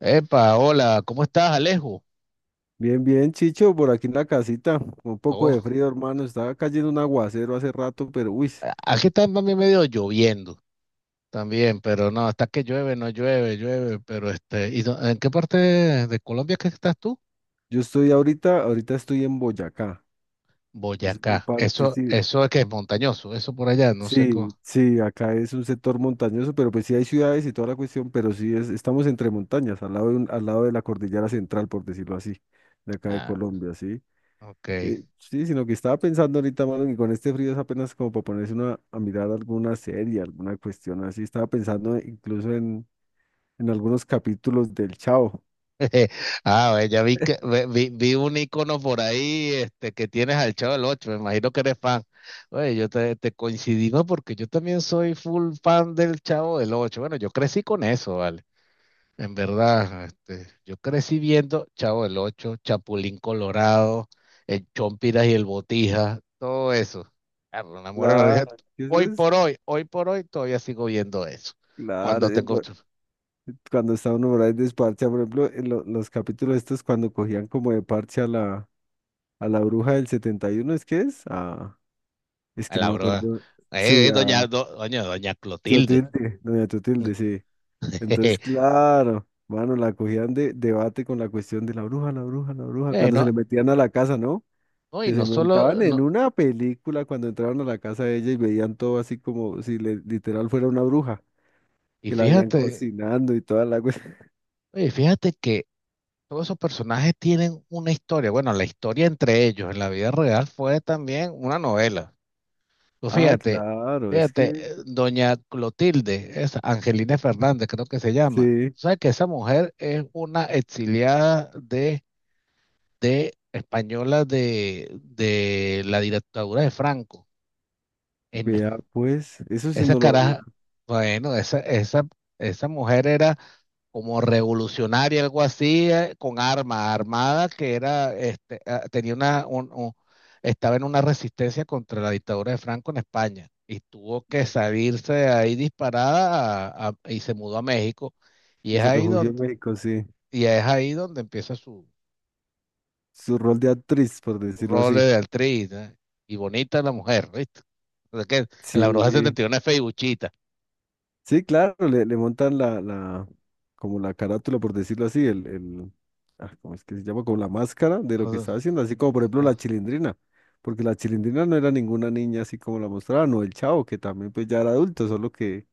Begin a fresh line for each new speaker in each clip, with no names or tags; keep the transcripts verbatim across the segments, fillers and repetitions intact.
Epa, hola, ¿cómo estás, Alejo?
Bien, bien, Chicho, por aquí en la casita, con un poco de
Oh,
frío, hermano, estaba cayendo un aguacero hace rato, pero uy,
a- aquí está también medio lloviendo también, pero no, está que llueve, no llueve, llueve, pero este, ¿y dó- en qué parte de Colombia es que estás tú?
yo estoy ahorita, ahorita estoy en Boyacá, es una
Boyacá.
parte,
Eso,
sí,
eso es que es montañoso, eso por allá, no sé cómo.
sí, sí, acá es un sector montañoso, pero pues sí hay ciudades y toda la cuestión, pero sí es, estamos entre montañas, al lado de, un- al lado de la cordillera central, por decirlo así, de acá de
Ah,
Colombia, sí.
ok.
Eh, sí, sino que estaba pensando ahorita, mano, que con este frío es apenas como para ponerse una, a mirar alguna serie, alguna cuestión así, estaba pensando incluso en en algunos capítulos del Chavo.
Ah, ve, ya vi que ve- vi, vi un icono por ahí, este, que tienes al Chavo del Ocho, me imagino que eres fan. Oye, yo te, te coincidimos porque yo también soy full fan del Chavo del Ocho. Bueno, yo crecí con eso, ¿vale? En verdad, este, yo crecí viendo Chavo del Ocho, Chapulín Colorado, el Chompiras y el Botija, todo eso. Ah, pero me muero de la risa.
Claro, eso
Hoy
es
por hoy, hoy por hoy todavía sigo viendo eso.
claro.
Cuando
eh,
tengo
por- Cuando está uno por ahí desparchado, por ejemplo, en lo- los capítulos estos cuando cogían como de parche a la, a la bruja del setenta y uno, ¿es que es? Ah, es
a
que no
la
me
broda,
acuerdo.
eh,
Sí,
eh, doña,
a
do- doña, doña Clotilde.
Teotilde, doña Teotilde, sí. Entonces, claro, mano, la cogían de debate con la cuestión de la bruja, la bruja, la bruja, cuando se
Bueno,
le metían a la casa, ¿no?
no, y
Que se
no solo,
montaban en
no,
una película cuando entraron a la casa de ella y veían todo así como si le- literal fuera una bruja,
y
que la habían
fíjate,
cocinando y toda la cuestión.
oye, fíjate que todos esos personajes tienen una historia. Bueno, la historia entre ellos en la vida real fue también una novela. Pues
Ah,
fíjate,
claro, es
fíjate,
que
eh, doña Clotilde es Angelina Fernández, creo que se llama.
sí,
¿Sabes que esa mujer es una exiliada de, de española de, de la dictadura de Franco? En-
vea, pues, eso sí
Esa
no lo había.
caraja, bueno, esa, esa, esa mujer era como revolucionaria, algo así, eh, con arma armada, que era, este, ah, tenía una, un- un- estaba en una resistencia contra la dictadura de Franco en España y tuvo que salirse de ahí disparada a- a- y se mudó a México y
Y
es
se
ahí
refugió en
donde,
México, sí.
y es ahí donde empieza su
Su rol de actriz, por decirlo
rol
así.
de actriz, ¿eh? Y bonita la mujer, ¿viste? O sea que en la bruja
Sí,
setenta y uno es feibuchita.
sí, claro, le, le montan la, la, como la carátula, por decirlo así, el, el, ah, ¿cómo es que se llama? Como la máscara de lo que estaba haciendo, así como por ejemplo la Chilindrina, porque la Chilindrina no era ninguna niña así como la mostraban, o el Chavo, que también pues ya era adulto, solo que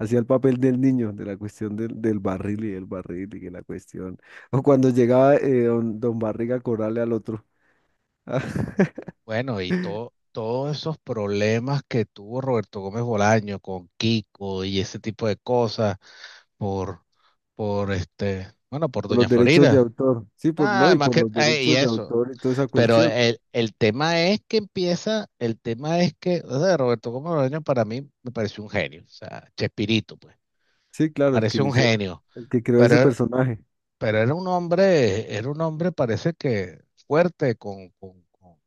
hacía el papel del niño, de la cuestión del, del barril y el barril y que la cuestión. O cuando llegaba eh, don, don Barriga a cobrarle al otro.
Bueno, y todo, todos esos problemas que tuvo Roberto Gómez Bolaño con Kiko y ese tipo de cosas por, por este, bueno, por
Por
Doña
los derechos de
Florida.
autor. Sí, por no,
Nada
y
más
por
que,
los
eh, y
derechos de
eso.
autor y toda esa
Pero
cuestión.
el, el tema es que empieza, el tema es que, o sea, Roberto Gómez Bolaño para mí me pareció un genio, o sea, Chespirito, pues,
Sí, claro, el que
pareció un
inició,
genio,
el que creó ese
pero,
personaje.
pero era un hombre, era un hombre, parece que fuerte, con con, con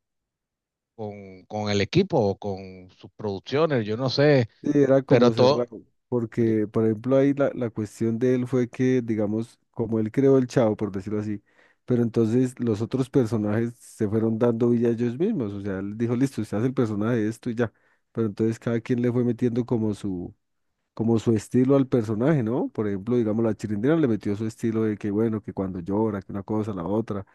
con, con el equipo o con sus producciones, yo no sé,
Sí, era
pero
como
todo,
cerrado, porque por ejemplo ahí la, la cuestión de él fue que, digamos, como él creó el Chavo, por decirlo así, pero entonces los otros personajes se fueron dando vida a ellos mismos, o sea, él dijo, listo, usted hace el personaje de esto y ya, pero entonces cada quien le fue metiendo como su, como su estilo al personaje, ¿no? Por ejemplo, digamos, la Chilindrina le metió su estilo de que, bueno, que cuando llora, que una cosa, la otra.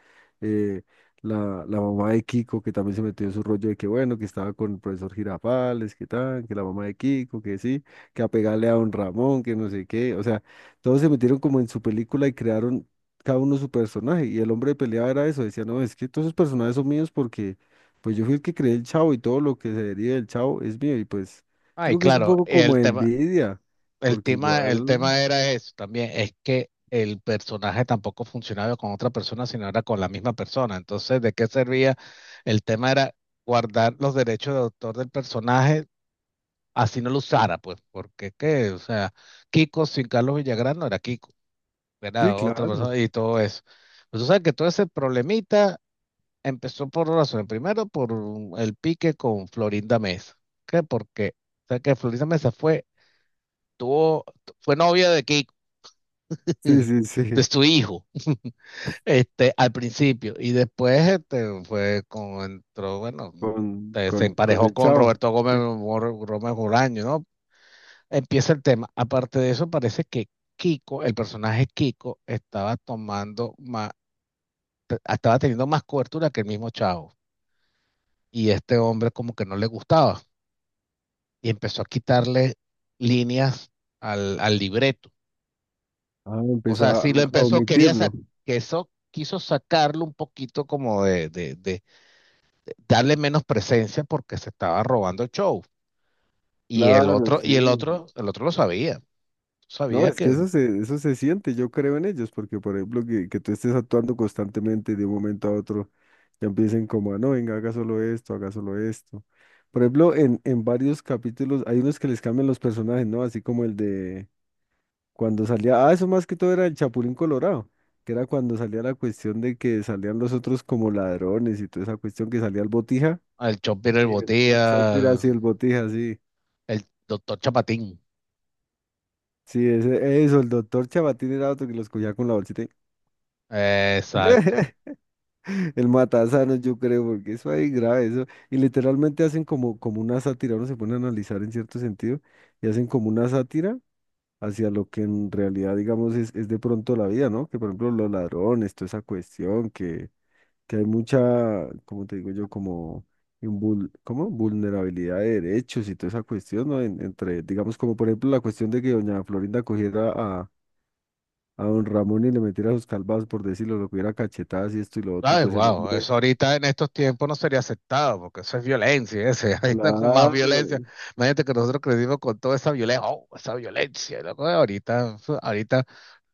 Eh, la, la mamá de Kiko, que también se metió en su rollo de que, bueno, que estaba con el profesor Girafales, que tal, que la mamá de Kiko, que sí, que a pegarle a don Ramón, que no sé qué. O sea, todos se metieron como en su película y crearon cada uno su personaje. Y el hombre de pelea era eso, decía, no, es que todos esos personajes son míos porque, pues yo fui el que creé el Chavo y todo lo que se deriva del Chavo es mío y pues...
ay,
Digo que es un
claro,
poco como
el tema,
envidia,
el
porque
tema, el
igual,
tema era eso también, es que el personaje tampoco funcionaba con otra persona, sino era con la misma persona. Entonces, ¿de qué servía? El tema era guardar los derechos de autor del personaje, así no lo usara, pues, porque qué, o sea, Kiko sin Carlos Villagrán no era Kiko,
sí,
era otra
claro,
persona y todo eso. Pues, o sea, que todo ese problemita empezó por dos razones. Primero, por el pique con Florinda Mesa. ¿Qué? Porque, o sea, que Florinda Mesa fue, tuvo, fue novia de Kiko,
sí, sí,
de
sí,
su hijo, este, al principio. Y después, este, fue con, entró, bueno,
con,
eh, se
con, con
emparejó
el
con
chavo,
Roberto Gómez,
sí.
Mor- Gómez Bolaño, ¿no? Empieza el tema. Aparte de eso, parece que Kiko, el personaje Kiko, estaba tomando más, estaba teniendo más cobertura que el mismo Chavo. Y este hombre como que no le gustaba. Y empezó a quitarle líneas al, al libreto.
Ah, empezó
Cosas
a,
así, lo
a
empezó, quería sa-
omitirlo,
que eso quiso sacarlo un poquito como de, de, de darle menos presencia porque se estaba robando el show. Y el
claro,
otro, y el
sí.
otro, el otro lo sabía.
No,
Sabía
es que
que
eso se, eso se siente, yo creo en ellos, porque por ejemplo, que, que tú estés actuando constantemente de un momento a otro, ya empiecen como, a, no, venga, haga solo esto, haga solo esto. Por ejemplo, en, en varios capítulos hay unos que les cambian los personajes, ¿no? Así como el de... Cuando salía, ah, eso más que todo era el Chapulín Colorado, que era cuando salía la cuestión de que salían los otros como ladrones y toda esa cuestión que salía el Botija.
el Chompier el
Y el, el Chopper
Botía,
así, el Botija, sí.
el doctor Chapatín.
Sí, ese, eso, el doctor Chabatín era otro que los cogía con la bolsita, y-
Exacto.
el matasanos, yo creo, porque eso ahí grave, eso. Y literalmente hacen como, como una sátira, uno se pone a analizar en cierto sentido, y hacen como una sátira hacia lo que en realidad, digamos, es, es de pronto la vida, ¿no? Que por ejemplo los ladrones, toda esa cuestión, que que hay mucha, como te digo yo, como, invul- ¿cómo? Vulnerabilidad de derechos y toda esa cuestión, ¿no? En- entre, digamos, como por ejemplo la cuestión de que doña Florinda cogiera a, a don Ramón y le metiera sus calvas, por decirlo, lo cogiera a cachetadas y esto y lo otro, y
Ay,
pues el
wow,
hombre,
eso ahorita en estos tiempos no sería aceptado, porque eso es violencia, ese, ahí está con más
claro,
violencia. Imagínate que nosotros crecimos con toda esa violencia, oh, esa violencia, loco, ahorita, ahorita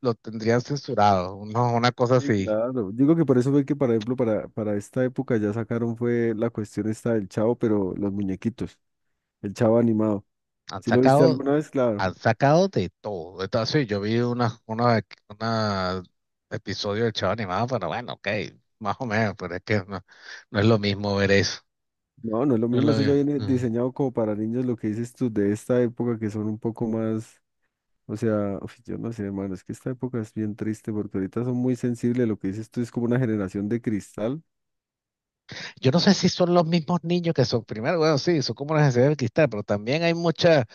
lo tendrían censurado, no, una cosa
sí,
así.
claro. Digo que por eso fue que, por ejemplo, para, para esta época ya sacaron fue la cuestión esta del Chavo, pero los muñequitos, el Chavo animado.
Han
¿Sí lo viste
sacado,
alguna vez? Claro.
han sacado de todo. Entonces, sí, yo vi una, una, una episodio del Chavo Animado, pero bueno, ok, más o menos, pero es que no, no es lo mismo ver eso.
No, no es lo
No es
mismo,
lo
eso ya viene
mismo.
diseñado como para niños, lo que dices tú de esta época que son un poco más, o sea, uf, yo no sé, hermano, es que esta época es bien triste porque ahorita son muy sensibles, lo que dices tú es como una generación de cristal,
Yo no sé si son los mismos niños que son, primero, bueno, sí, son como una necesidad del cristal, pero también hay mucha,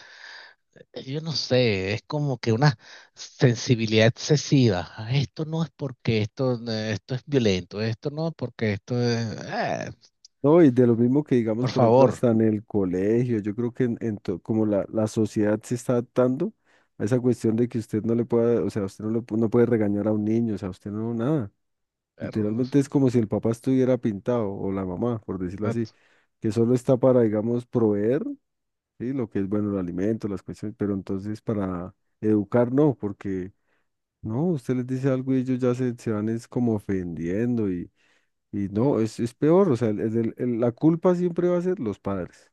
yo no sé, es como que una sensibilidad excesiva. Ah, esto no es porque esto, eh, esto es violento, esto no es porque esto es, ah,
¿no? Y de lo mismo que digamos,
por
por ejemplo,
favor.
hasta en el colegio, yo creo que en, en to- como la, la sociedad se está adaptando a esa cuestión de que usted no le pueda, o sea, usted no, le, pu- no puede regañar a un niño, o sea, usted no, nada.
Perro, no,
Literalmente es como si el papá estuviera pintado o la mamá, por decirlo así,
exacto.
que solo está para, digamos, proveer. Sí, lo que es bueno, el alimento, las cuestiones, pero entonces para educar no, porque no, usted les dice algo y ellos ya se, se van es como ofendiendo y, y no, es, es peor, o sea, el- el- el- la culpa siempre va a ser los padres,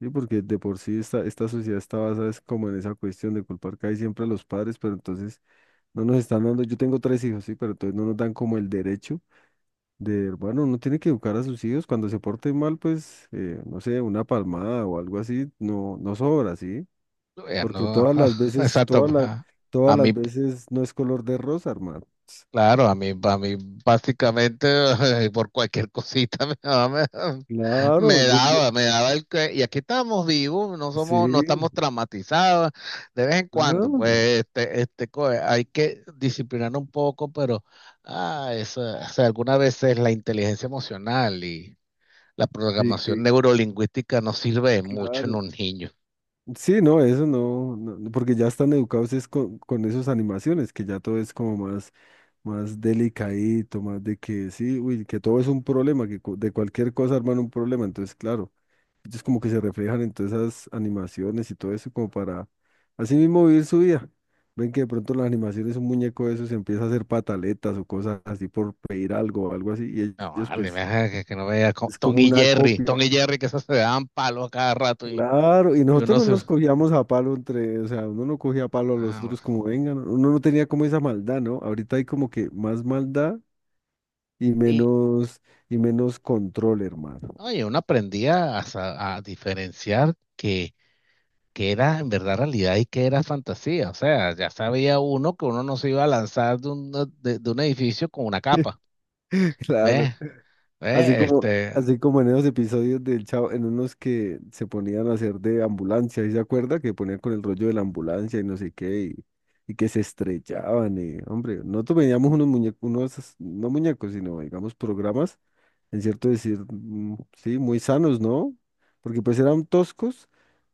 ¿sí? Porque de por sí esta, esta sociedad está basada es como en esa cuestión de culpar casi siempre a los padres, pero entonces no nos están dando, yo tengo tres hijos, sí, pero entonces no nos dan como el derecho de, bueno, uno tiene que educar a sus hijos, cuando se porten mal, pues, eh, no sé, una palmada o algo así, no, no sobra, ¿sí?
Ya
Porque
no,
todas
ajá,
las veces,
exacto,
todas las,
ajá.
todas
A
las
mí,
veces no es color de rosa, hermano.
claro, a mí, a mí básicamente por cualquier cosita me daba, me, me
Claro, yo, yo,
daba, me daba el que, y aquí estamos vivos, no somos, no
sí,
estamos traumatizados, de vez en cuando,
ah,
pues este, este, co- hay que disciplinar un poco, pero ah, eso, o sea, algunas veces la inteligencia emocional y la
sí,
programación
que
neurolingüística no sirve de mucho en
claro.
un niño.
Sí, no, eso no, no, no, porque ya están educados es con, con esas animaciones, que ya todo es como más, más delicadito, más de que sí, uy, que todo es un problema, que cu- de cualquier cosa arman un problema, entonces claro. Ellos como que se reflejan en todas esas animaciones y todo eso como para así mismo vivir su vida. Ven que de pronto las animaciones, un muñeco de esos empieza a hacer pataletas o cosas así por pedir algo o algo así y
No,
ellos
vale, me
pues
deja que, que no vea co-
es
Tom
como
y
una
Jerry, Tom
copia.
y Jerry que esos se daban palos a cada rato y,
Claro, y
y
nosotros
uno
no
se...
nos cogíamos a palo entre, o sea, uno no cogía a palo a
Ah,
los otros
bueno.
como vengan, uno no tenía como esa maldad, ¿no? Ahorita hay como que más maldad y
Sí,
menos y menos control, hermano.
no, y oye, uno aprendía a, sa- a diferenciar que, que era en verdad realidad y que era fantasía. O sea, ya sabía uno que uno no se iba a lanzar de un, de, de un edificio con una capa.
Claro,
¿Ves?
así
¿Ves?
como,
Este,
así como en esos episodios del Chavo, en unos que se ponían a hacer de ambulancia, ¿y se acuerda? Que ponían con el rollo de la ambulancia y no sé qué, y, y que se estrellaban, y, hombre, nosotros veíamos unos muñecos, unos, no muñecos, sino, digamos, programas, en cierto decir, mm, sí, muy sanos, ¿no? Porque pues eran toscos,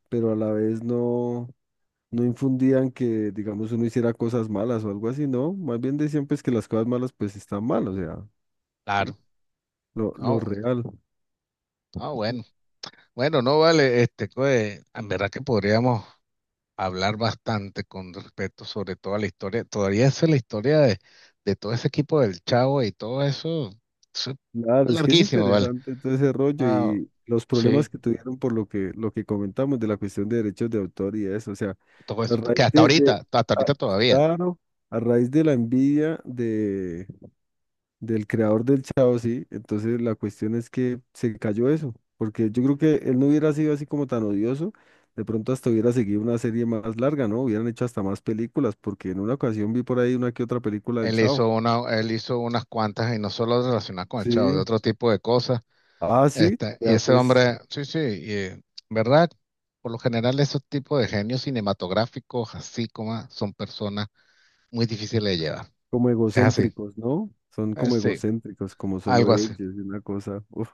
pero a la vez no, no infundían que, digamos, uno hiciera cosas malas o algo así, ¿no? Más bien decían pues que las cosas malas pues están mal, o sea, ¿sí?
claro.
Lo, lo
No,
real.
no, bueno. Bueno, no vale, este, pues, en verdad que podríamos hablar bastante con respecto sobre toda la historia. Todavía es la historia de, de todo ese equipo del Chavo y todo eso. Eso es
Claro, es que es
larguísimo, ¿vale?
interesante todo ese rollo
Ah,
y los
sí.
problemas que tuvieron por lo que, lo que comentamos de la cuestión de derechos de autor y eso, o sea,
Todo
a
eso, que
raíz
hasta
de, de-
ahorita, hasta ahorita
a-
todavía.
claro, a raíz de la envidia de, del creador del Chao, sí, entonces la cuestión es que se cayó eso, porque yo creo que él no hubiera sido así como tan odioso, de pronto hasta hubiera seguido una serie más larga, ¿no? Hubieran hecho hasta más películas, porque en una ocasión vi por ahí una que otra película del
Él
Chao.
hizo una, él hizo unas cuantas y no solo relacionadas con el Chavo, de
Sí.
otro tipo de cosas.
Ah, sí,
Este, y
ya
ese
pues.
hombre, sí, sí, y, ¿verdad? Por lo general, esos tipos de genios cinematográficos, así como son personas muy difíciles de llevar.
Como
Es así.
egocéntricos, ¿no? Son
Eh,
como
sí.
egocéntricos, como solo
Algo así.
ellos, y una cosa. Uf,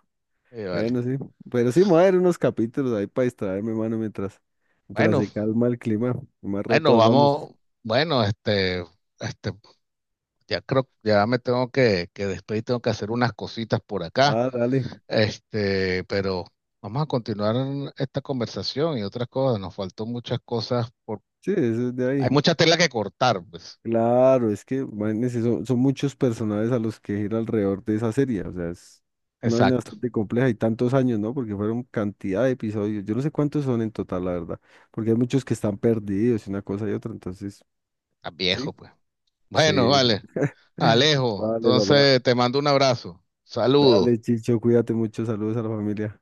Y yo, vale.
bueno, sí. Pero sí, me voy a ver unos capítulos ahí para distraerme, mano, mientras, mientras
Bueno,
se calma el clima. Más rato
bueno,
hablamos.
vamos, bueno, este, este, ya creo, ya me tengo que, que despedir, tengo que hacer unas cositas por acá,
Ah, dale.
este, pero vamos a continuar esta conversación y otras cosas, nos faltó muchas cosas, por,
Sí, eso es de
hay
ahí.
mucha tela que cortar, pues,
Claro, es que imagínense, son, son muchos personajes a los que gira alrededor de esa serie. O sea, es una vaina
exacto,
bastante compleja y tantos años, ¿no? Porque fueron cantidad de episodios. Yo no sé cuántos son en total, la verdad. Porque hay muchos que están perdidos y una cosa y otra. Entonces,
está viejo,
sí,
pues. Bueno,
sí.
vale, Alejo,
Vale, papá.
entonces te mando un abrazo, saludos.
Dale, Chicho, cuídate mucho. Saludos a la familia.